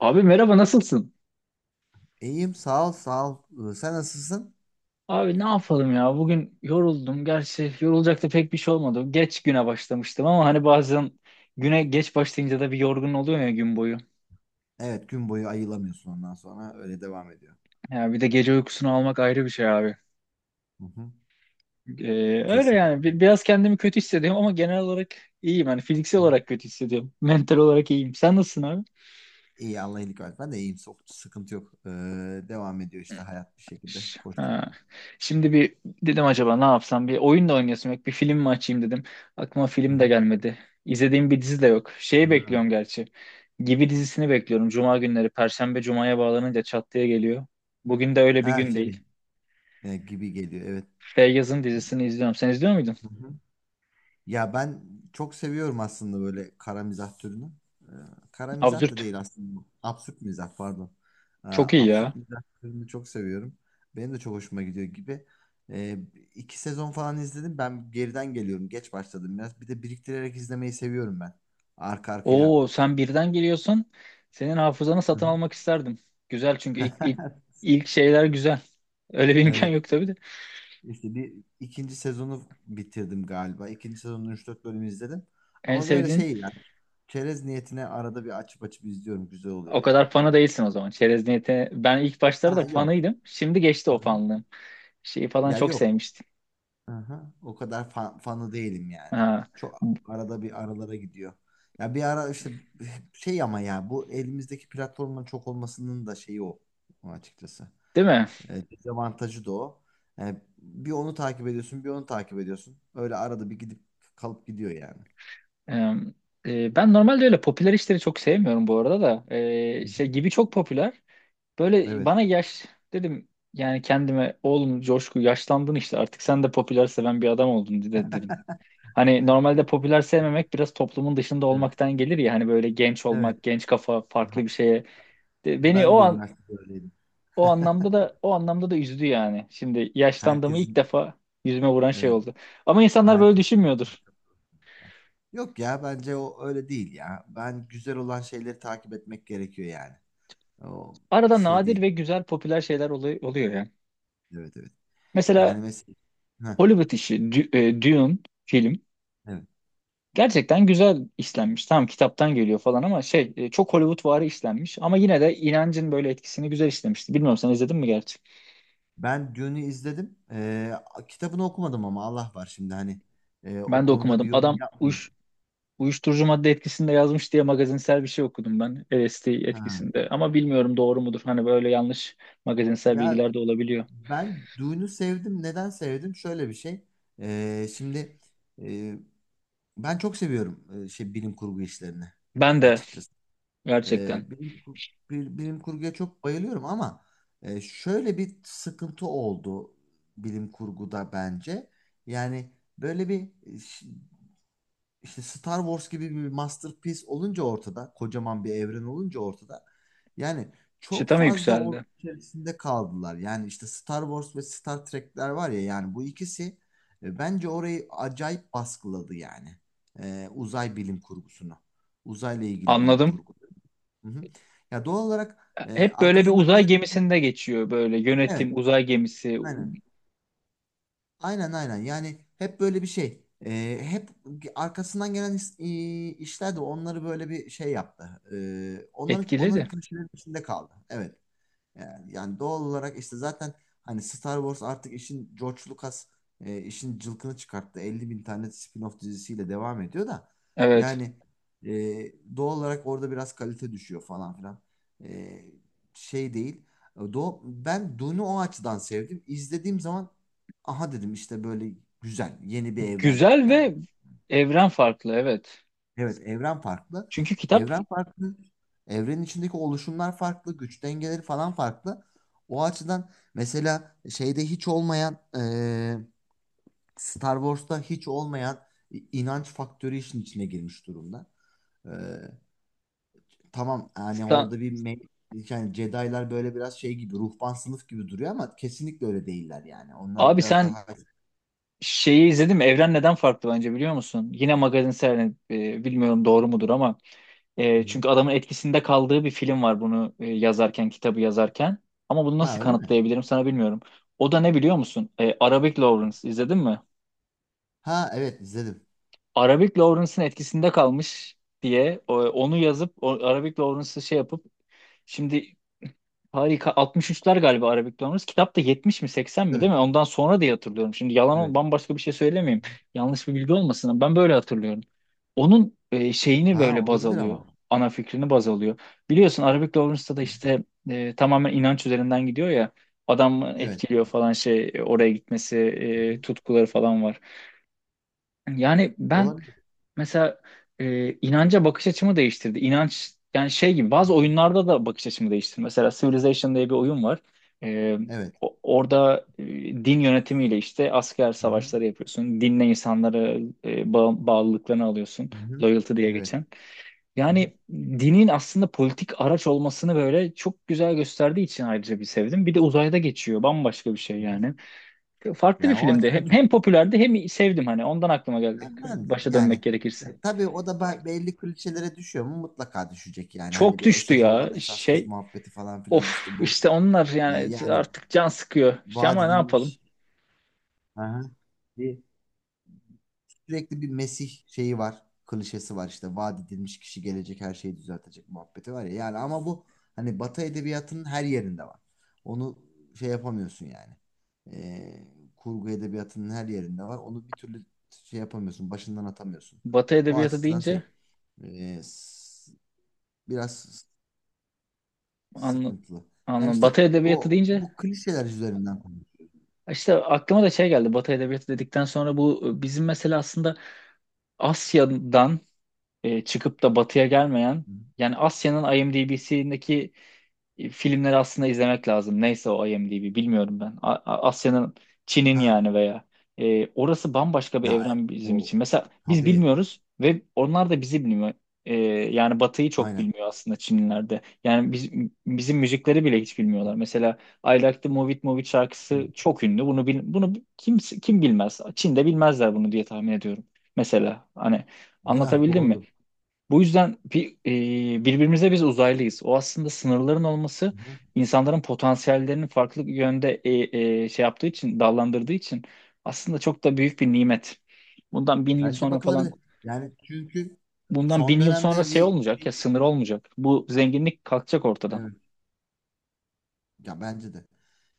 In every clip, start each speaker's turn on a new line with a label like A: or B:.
A: Abi merhaba nasılsın?
B: İyiyim sağ ol sağ ol. Sen nasılsın?
A: Abi ne yapalım ya bugün yoruldum. Gerçi yorulacak da pek bir şey olmadı. Geç güne başlamıştım ama hani bazen güne geç başlayınca da bir yorgun oluyor ya gün boyu.
B: Evet, gün boyu ayılamıyorsun, ondan sonra öyle devam ediyor.
A: Ya bir de gece uykusunu almak ayrı bir şey abi.
B: Hı hı.
A: Öyle yani
B: Kesinlikle.
A: biraz kendimi kötü hissediyorum ama genel olarak iyiyim. Hani fiziksel
B: Hı hı.
A: olarak kötü hissediyorum. Mental olarak iyiyim. Sen nasılsın abi?
B: İyi, Allah iyilik versin. Ben de iyiyim. Sıkıntı yok. Devam ediyor işte hayat bir şekilde
A: Ha.
B: koşturmaya.
A: Şimdi bir dedim, acaba ne yapsam? Bir oyun da oynayasım yok. Bir film mi açayım dedim. Aklıma
B: Hı
A: film de
B: hı.
A: gelmedi. İzlediğim bir dizi de yok. Şeyi
B: Hı.
A: bekliyorum gerçi. Gibi dizisini bekliyorum. Cuma günleri. Perşembe Cuma'ya bağlanınca çat diye geliyor. Bugün de öyle bir
B: Her
A: gün
B: şey
A: değil.
B: Gibi geliyor, evet.
A: Feyyaz'ın dizisini izliyorum. Sen izliyor muydun?
B: Hı hı. Ya ben çok seviyorum aslında böyle kara mizah türünü. Ee, Kara mizah da
A: Absürt.
B: değil aslında bu. Absürt mizah, pardon.
A: Çok iyi
B: Absürt
A: ya.
B: mizah türünü çok seviyorum. Benim de çok hoşuma gidiyor Gibi. Ee, iki sezon falan izledim. Ben geriden geliyorum. Geç başladım biraz. Bir de biriktirerek izlemeyi seviyorum ben. Arka arkaya.
A: Oo sen birden geliyorsun. Senin hafızanı
B: Hı
A: satın
B: hı.
A: almak isterdim. Güzel çünkü ilk şeyler güzel. Öyle bir imkan
B: Evet.
A: yok tabii de.
B: İşte bir ikinci sezonu bitirdim galiba. İkinci sezonun üç dört bölümü izledim.
A: En
B: Ama böyle
A: sevdiğin
B: şey, yani çerez niyetine arada bir açıp açıp izliyorum. Güzel oluyor
A: o
B: ya.
A: kadar fanı değilsin o zaman. Çerez niyeti. Ben ilk başlarda da
B: Ha yok.
A: fanıydım. Şimdi geçti o
B: Hı-hı.
A: fanlığım. Şeyi falan
B: Ya
A: çok
B: yok.
A: sevmiştim.
B: Hı-hı. O kadar fanı değilim yani.
A: Ha.
B: Çok arada bir aralara gidiyor. Ya bir ara işte şey, ama ya bu elimizdeki platformların çok olmasının da şeyi o açıkçası.
A: Değil mi?
B: Dezavantajı da o. Bir onu takip ediyorsun, bir onu takip ediyorsun. Öyle arada bir gidip kalıp gidiyor yani.
A: Ee, Ben normalde öyle popüler işleri çok sevmiyorum bu arada da. Şey
B: Hı-hı.
A: gibi çok popüler. Böyle
B: Evet.
A: bana yaş dedim yani, kendime oğlum Coşku yaşlandın işte, artık sen de popüler seven bir adam oldun dedim. Hani normalde popüler sevmemek biraz toplumun dışında
B: Evet.
A: olmaktan gelir ya, hani böyle genç
B: Evet.
A: olmak, genç kafa, farklı
B: Aha.
A: bir şeye. Beni
B: Ben
A: o
B: de
A: an
B: üniversitede öyleydim.
A: o anlamda da üzdü yani. Şimdi yaşlandığımı ilk
B: Herkesin,
A: defa yüzüme vuran şey
B: evet.
A: oldu. Ama insanlar böyle
B: Herkesin.
A: düşünmüyordur.
B: Yok ya, bence o öyle değil ya. Ben güzel olan şeyleri takip etmek gerekiyor yani. O
A: Arada
B: şey
A: nadir
B: değil.
A: ve güzel popüler şeyler oluyor yani.
B: Evet evet. Yani
A: Mesela
B: mesela. Heh,
A: Hollywood işi Dune film
B: evet.
A: gerçekten güzel işlenmiş. Tamam kitaptan geliyor falan ama çok Hollywoodvari işlenmiş, ama yine de inancın böyle etkisini güzel işlemişti. Bilmiyorum sen izledin mi gerçi?
B: Ben Dune'u izledim. Kitabını okumadım ama Allah var, şimdi hani. O
A: Ben de
B: konuda
A: okumadım.
B: bir yorum yapmayayım.
A: Uyuşturucu madde etkisinde yazmış diye magazinsel bir şey okudum ben, LSD
B: Ha.
A: etkisinde. Ama bilmiyorum doğru mudur. Hani böyle yanlış magazinsel
B: Ya
A: bilgiler de olabiliyor.
B: ben Dune'u sevdim. Neden sevdim? Şöyle bir şey. Şimdi e, ben çok seviyorum şey, bilim kurgu işlerini
A: Ben de
B: açıkçası.
A: gerçekten
B: E, bilim, kur- bilim kurguya çok bayılıyorum ama şöyle bir sıkıntı oldu bilim kurguda bence. Yani böyle bir işte Star Wars gibi bir masterpiece olunca ortada, kocaman bir evren olunca ortada. Yani çok
A: çıtam
B: fazla onun
A: yükseldi.
B: içerisinde kaldılar. Yani işte Star Wars ve Star Trek'ler var ya, yani bu ikisi bence orayı acayip baskıladı yani. Uzay bilim kurgusunu. Uzayla ilgili bilim
A: Anladım.
B: kurgu. Hı hı. Ya doğal olarak
A: Hep böyle bir
B: arkasından
A: uzay
B: gelen,
A: gemisinde geçiyor, böyle
B: evet,
A: yönetim uzay gemisi
B: aynen. Aynen aynen, yani hep böyle bir şey. Hep arkasından gelen işler de onları böyle bir şey yaptı. Onların
A: etkiledi.
B: klişelerin içinde kaldı, evet, yani, doğal olarak işte zaten hani Star Wars artık işin, George Lucas işin cılkını çıkarttı. 50 bin tane spin-off dizisiyle devam ediyor da,
A: Evet.
B: yani e, doğal olarak orada biraz kalite düşüyor falan filan. E, Şey değil. E, Do Ben Dune'u o açıdan sevdim. İzlediğim zaman aha dedim, işte böyle güzel yeni bir evren
A: Güzel
B: geldi.
A: ve evren farklı, evet.
B: Evet, evren farklı.
A: Çünkü kitap
B: Evren farklı. Evrenin içindeki oluşumlar farklı, güç dengeleri falan farklı. O açıdan mesela şeyde hiç olmayan, Star Wars'ta hiç olmayan inanç faktörü işin içine girmiş durumda. Eee, tamam, yani
A: Sa-
B: orada bir yani Jedi'lar böyle biraz şey gibi, ruhban sınıf gibi duruyor ama kesinlikle öyle değiller yani. Onlar
A: abi
B: biraz
A: sen
B: daha.
A: şeyi izledim. Evren neden farklı bence biliyor musun? Yine magazinsel, bilmiyorum doğru mudur ama
B: Hı.
A: çünkü adamın etkisinde kaldığı bir film var bunu yazarken, kitabı yazarken. Ama bunu nasıl
B: Ha öyle mi?
A: kanıtlayabilirim sana bilmiyorum. O da ne biliyor musun? E, Arabic Lawrence izledin mi?
B: Ha evet, izledim.
A: Arabic Lawrence'ın etkisinde kalmış diye onu yazıp o, Arabic Lawrence'ı şey yapıp şimdi harika. 63'ler galiba Arabic Learners. Kitap da 70 mi 80 mi
B: Değil
A: değil
B: mi?
A: mi? Ondan sonra diye hatırlıyorum. Şimdi
B: Evet.
A: yalan bambaşka bir şey söylemeyeyim. Yanlış bir bilgi olmasın, ama ben böyle hatırlıyorum. Onun şeyini
B: Ha,
A: böyle baz
B: olabilir
A: alıyor.
B: ama.
A: Ana fikrini baz alıyor. Biliyorsun Arabic Lawrence'da da işte tamamen inanç üzerinden gidiyor ya. Adam
B: Evet.
A: etkiliyor falan, oraya gitmesi, tutkuları falan var. Yani ben
B: Olabilir.
A: mesela, inanca bakış açımı değiştirdi. İnanç yani, şey gibi
B: Hı
A: bazı
B: hı.
A: oyunlarda da bakış açımı değiştirdi. Mesela Civilization diye bir oyun var. E,
B: Evet.
A: Orada din yönetimiyle işte asker
B: Hı hı.
A: savaşları yapıyorsun. Dinle insanları bağlılıklarını alıyorsun.
B: Hı hı.
A: Loyalty diye
B: Evet.
A: geçen.
B: Hı hı.
A: Yani dinin aslında politik araç olmasını böyle çok güzel gösterdiği için ayrıca bir sevdim. Bir de uzayda geçiyor. Bambaşka bir şey
B: Hı hı.
A: yani. Farklı bir
B: Yani o
A: filmdi.
B: açıdan çok.
A: Hem popülerdi hem sevdim hani. Ondan aklıma geldi. Başa dönmek
B: Yani
A: gerekirse.
B: tabii o da belli klişelere düşüyor mu? Mutlaka düşecek yani. Hani
A: Çok
B: bir
A: düştü
B: esas
A: ya
B: olan, esas kız
A: şey.
B: muhabbeti falan filan
A: Of
B: işte bu.
A: işte onlar yani
B: Yani
A: artık can sıkıyor. İşte
B: vaat
A: ama ne yapalım?
B: edilmiş. Hı hı. Bir Sürekli bir Mesih şeyi var. Klişesi var işte. Vaat edilmiş kişi gelecek, her şeyi düzeltecek muhabbeti var ya. Yani ama bu hani Batı edebiyatının her yerinde var. Onu şey yapamıyorsun yani. Ee, Kurgu edebiyatının her yerinde var. Onu bir türlü şey yapamıyorsun. Başından atamıyorsun.
A: Batı
B: O
A: edebiyatı
B: açıdan
A: deyince
B: şey, e, s- biraz
A: anla,
B: sıkıntılı. Yani
A: anla
B: işte
A: Batı edebiyatı
B: o,
A: deyince
B: bu klişeler üzerinden konuşuyorum.
A: işte aklıma da şey geldi. Batı edebiyatı dedikten sonra, bu bizim mesela aslında Asya'dan çıkıp da Batı'ya gelmeyen, yani Asya'nın IMDb'sindeki filmleri aslında izlemek lazım. Neyse o IMDb bilmiyorum ben. Asya'nın, Çin'in
B: Ha.
A: yani, veya orası bambaşka bir
B: Ya
A: evren bizim
B: o
A: için. Mesela biz
B: tabii,
A: bilmiyoruz ve onlar da bizi bilmiyor. E, yani Batı'yı çok
B: aynen.
A: bilmiyor aslında Çinliler de. Bizim müzikleri bile hiç bilmiyorlar. Mesela I Like the Move It Move It şarkısı
B: Hı.
A: çok ünlü. Bunu kim bilmez? Çin'de bilmezler bunu diye tahmin ediyorum. Mesela hani
B: Ya,
A: anlatabildim mi?
B: doğru.
A: Bu yüzden birbirimize biz uzaylıyız. O aslında sınırların olması,
B: Hı.
A: insanların potansiyellerinin farklı yönde şey yaptığı için, dallandırdığı için aslında çok da büyük bir nimet. Bundan bin yıl
B: Bence
A: sonra
B: bakılabilir.
A: falan,
B: Yani çünkü
A: bundan bin
B: son
A: yıl sonra
B: dönemde
A: şey
B: bir
A: olmayacak ya, sınır olmayacak. Bu zenginlik kalkacak ortadan.
B: Evet, ya bence de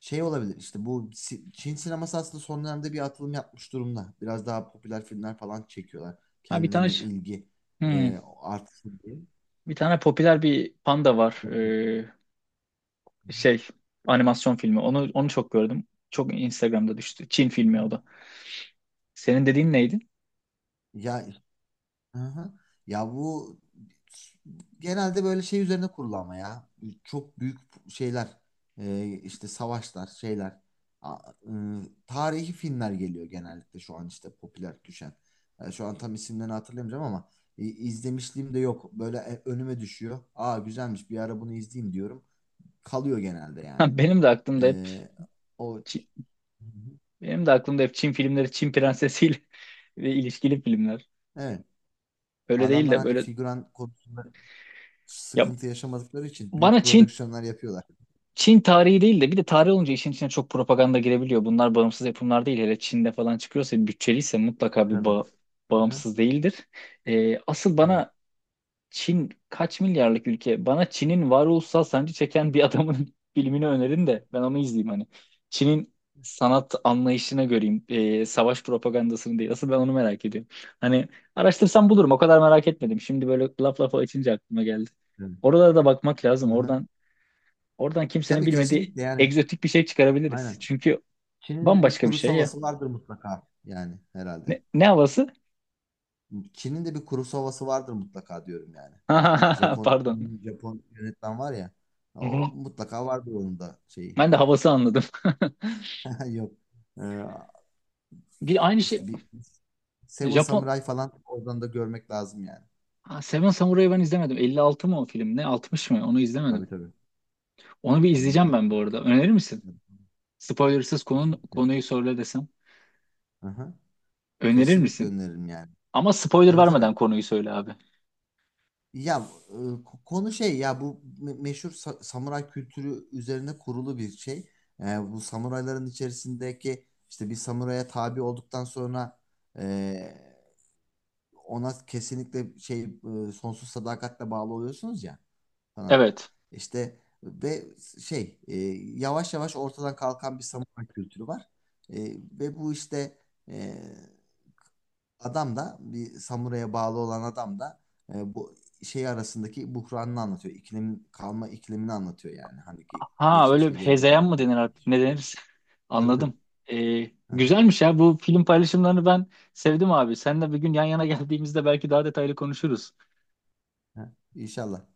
B: şey olabilir. İşte bu Çin sineması aslında son dönemde bir atılım yapmış durumda. Biraz daha popüler filmler falan çekiyorlar.
A: Ha bir tane
B: Kendilerine
A: ş-
B: ilgi
A: hmm,
B: artsın diye.
A: bir tane popüler bir panda var. Şey animasyon filmi. Onu çok gördüm. Çok Instagram'da düştü. Çin filmi o da. Senin dediğin neydi?
B: Ya. Aha. Ya bu genelde böyle şey üzerine kurulu ama ya. Çok büyük şeyler, işte savaşlar, şeyler, A- e, tarihi filmler geliyor genellikle şu an işte, popüler düşen. Şu an tam isimlerini hatırlayamayacağım ama izlemişliğim de yok. Böyle önüme düşüyor. Aa, güzelmiş, bir ara bunu izleyeyim diyorum. Kalıyor genelde yani.
A: Ha,
B: E, O. Hı hı.
A: benim de aklımda hep Çin filmleri, Çin prensesiyle ve ilişkili filmler.
B: Evet.
A: Öyle değil
B: Adamlar
A: de
B: hani
A: böyle,
B: figüran konusunda
A: ya
B: sıkıntı yaşamadıkları için büyük
A: bana Çin
B: prodüksiyonlar yapıyorlar.
A: Çin tarihi değil de, bir de tarih olunca işin içine çok propaganda girebiliyor. Bunlar bağımsız yapımlar değil. Hele Çin'de falan çıkıyorsa, bütçeliyse, mutlaka bir
B: Tabii. Aha.
A: bağımsız değildir. Asıl
B: Evet,
A: bana Çin kaç milyarlık ülke? Bana Çin'in varoluşsal sancı çeken bir adamın filmini önerin de ben onu izleyeyim hani. Çin'in sanat anlayışına göreyim. Savaş propagandasını değil. Asıl ben onu merak ediyorum. Hani araştırsam bulurum. O kadar merak etmedim. Şimdi böyle laf lafa açınca aklıma geldi.
B: evet.
A: Oralara da bakmak lazım.
B: Aha.
A: Oradan kimsenin
B: Tabii,
A: bilmediği
B: kesinlikle yani,
A: egzotik bir şey çıkarabiliriz.
B: aynen.
A: Çünkü
B: Çin'in de bir
A: bambaşka bir
B: kuru
A: şey ya.
B: havası vardır mutlaka yani, herhalde.
A: Ne havası?
B: Çin'in de bir kuru havası vardır mutlaka, diyorum yani. Japon
A: Pardon.
B: Japon yönetmen var ya,
A: Hı
B: o
A: hı.
B: mutlaka vardır onun da şeyi.
A: Ben de havası anladım.
B: Yok. Ee,
A: Bir aynı
B: işte
A: şey
B: bir Seven
A: Japon.
B: Samurai falan, oradan da görmek lazım yani.
A: Ha, Seven Samuray'ı ben izlemedim. 56 mı o film ne? 60 mı? Onu
B: Tabii
A: izlemedim.
B: tabii.
A: Onu bir
B: Elli.
A: izleyeceğim ben bu
B: 50.
A: arada. Önerir misin? Spoilersız
B: Kesinlikle.
A: konuyu söyle desem.
B: Aha.
A: Önerir
B: Kesinlikle
A: misin?
B: öneririm yani.
A: Ama spoiler
B: Tabii tabii.
A: vermeden konuyu söyle abi.
B: Ya konu şey ya, bu meşhur samuray kültürü üzerine kurulu bir şey. E, Bu samurayların içerisindeki, işte bir samuraya tabi olduktan sonra e, ona kesinlikle şey, sonsuz sadakatle bağlı oluyorsunuz ya falan.
A: Evet.
B: İşte ve şey, yavaş yavaş ortadan kalkan bir samuray kültürü var. E, Ve bu işte, e, adam da, bir samuraya bağlı olan adam da bu şey arasındaki buhranını anlatıyor. İklim kalma iklimini anlatıyor yani. Hani
A: Ha, öyle bir
B: geçmişle gelecek
A: hezeyan mı
B: arasındaki.
A: denir artık? Ne denir?
B: Tabii tabii.
A: Anladım.
B: Aha,
A: Güzelmiş ya. Bu film paylaşımlarını ben sevdim abi. Seninle bir gün yan yana geldiğimizde belki daha detaylı konuşuruz.
B: aha. İnşallah.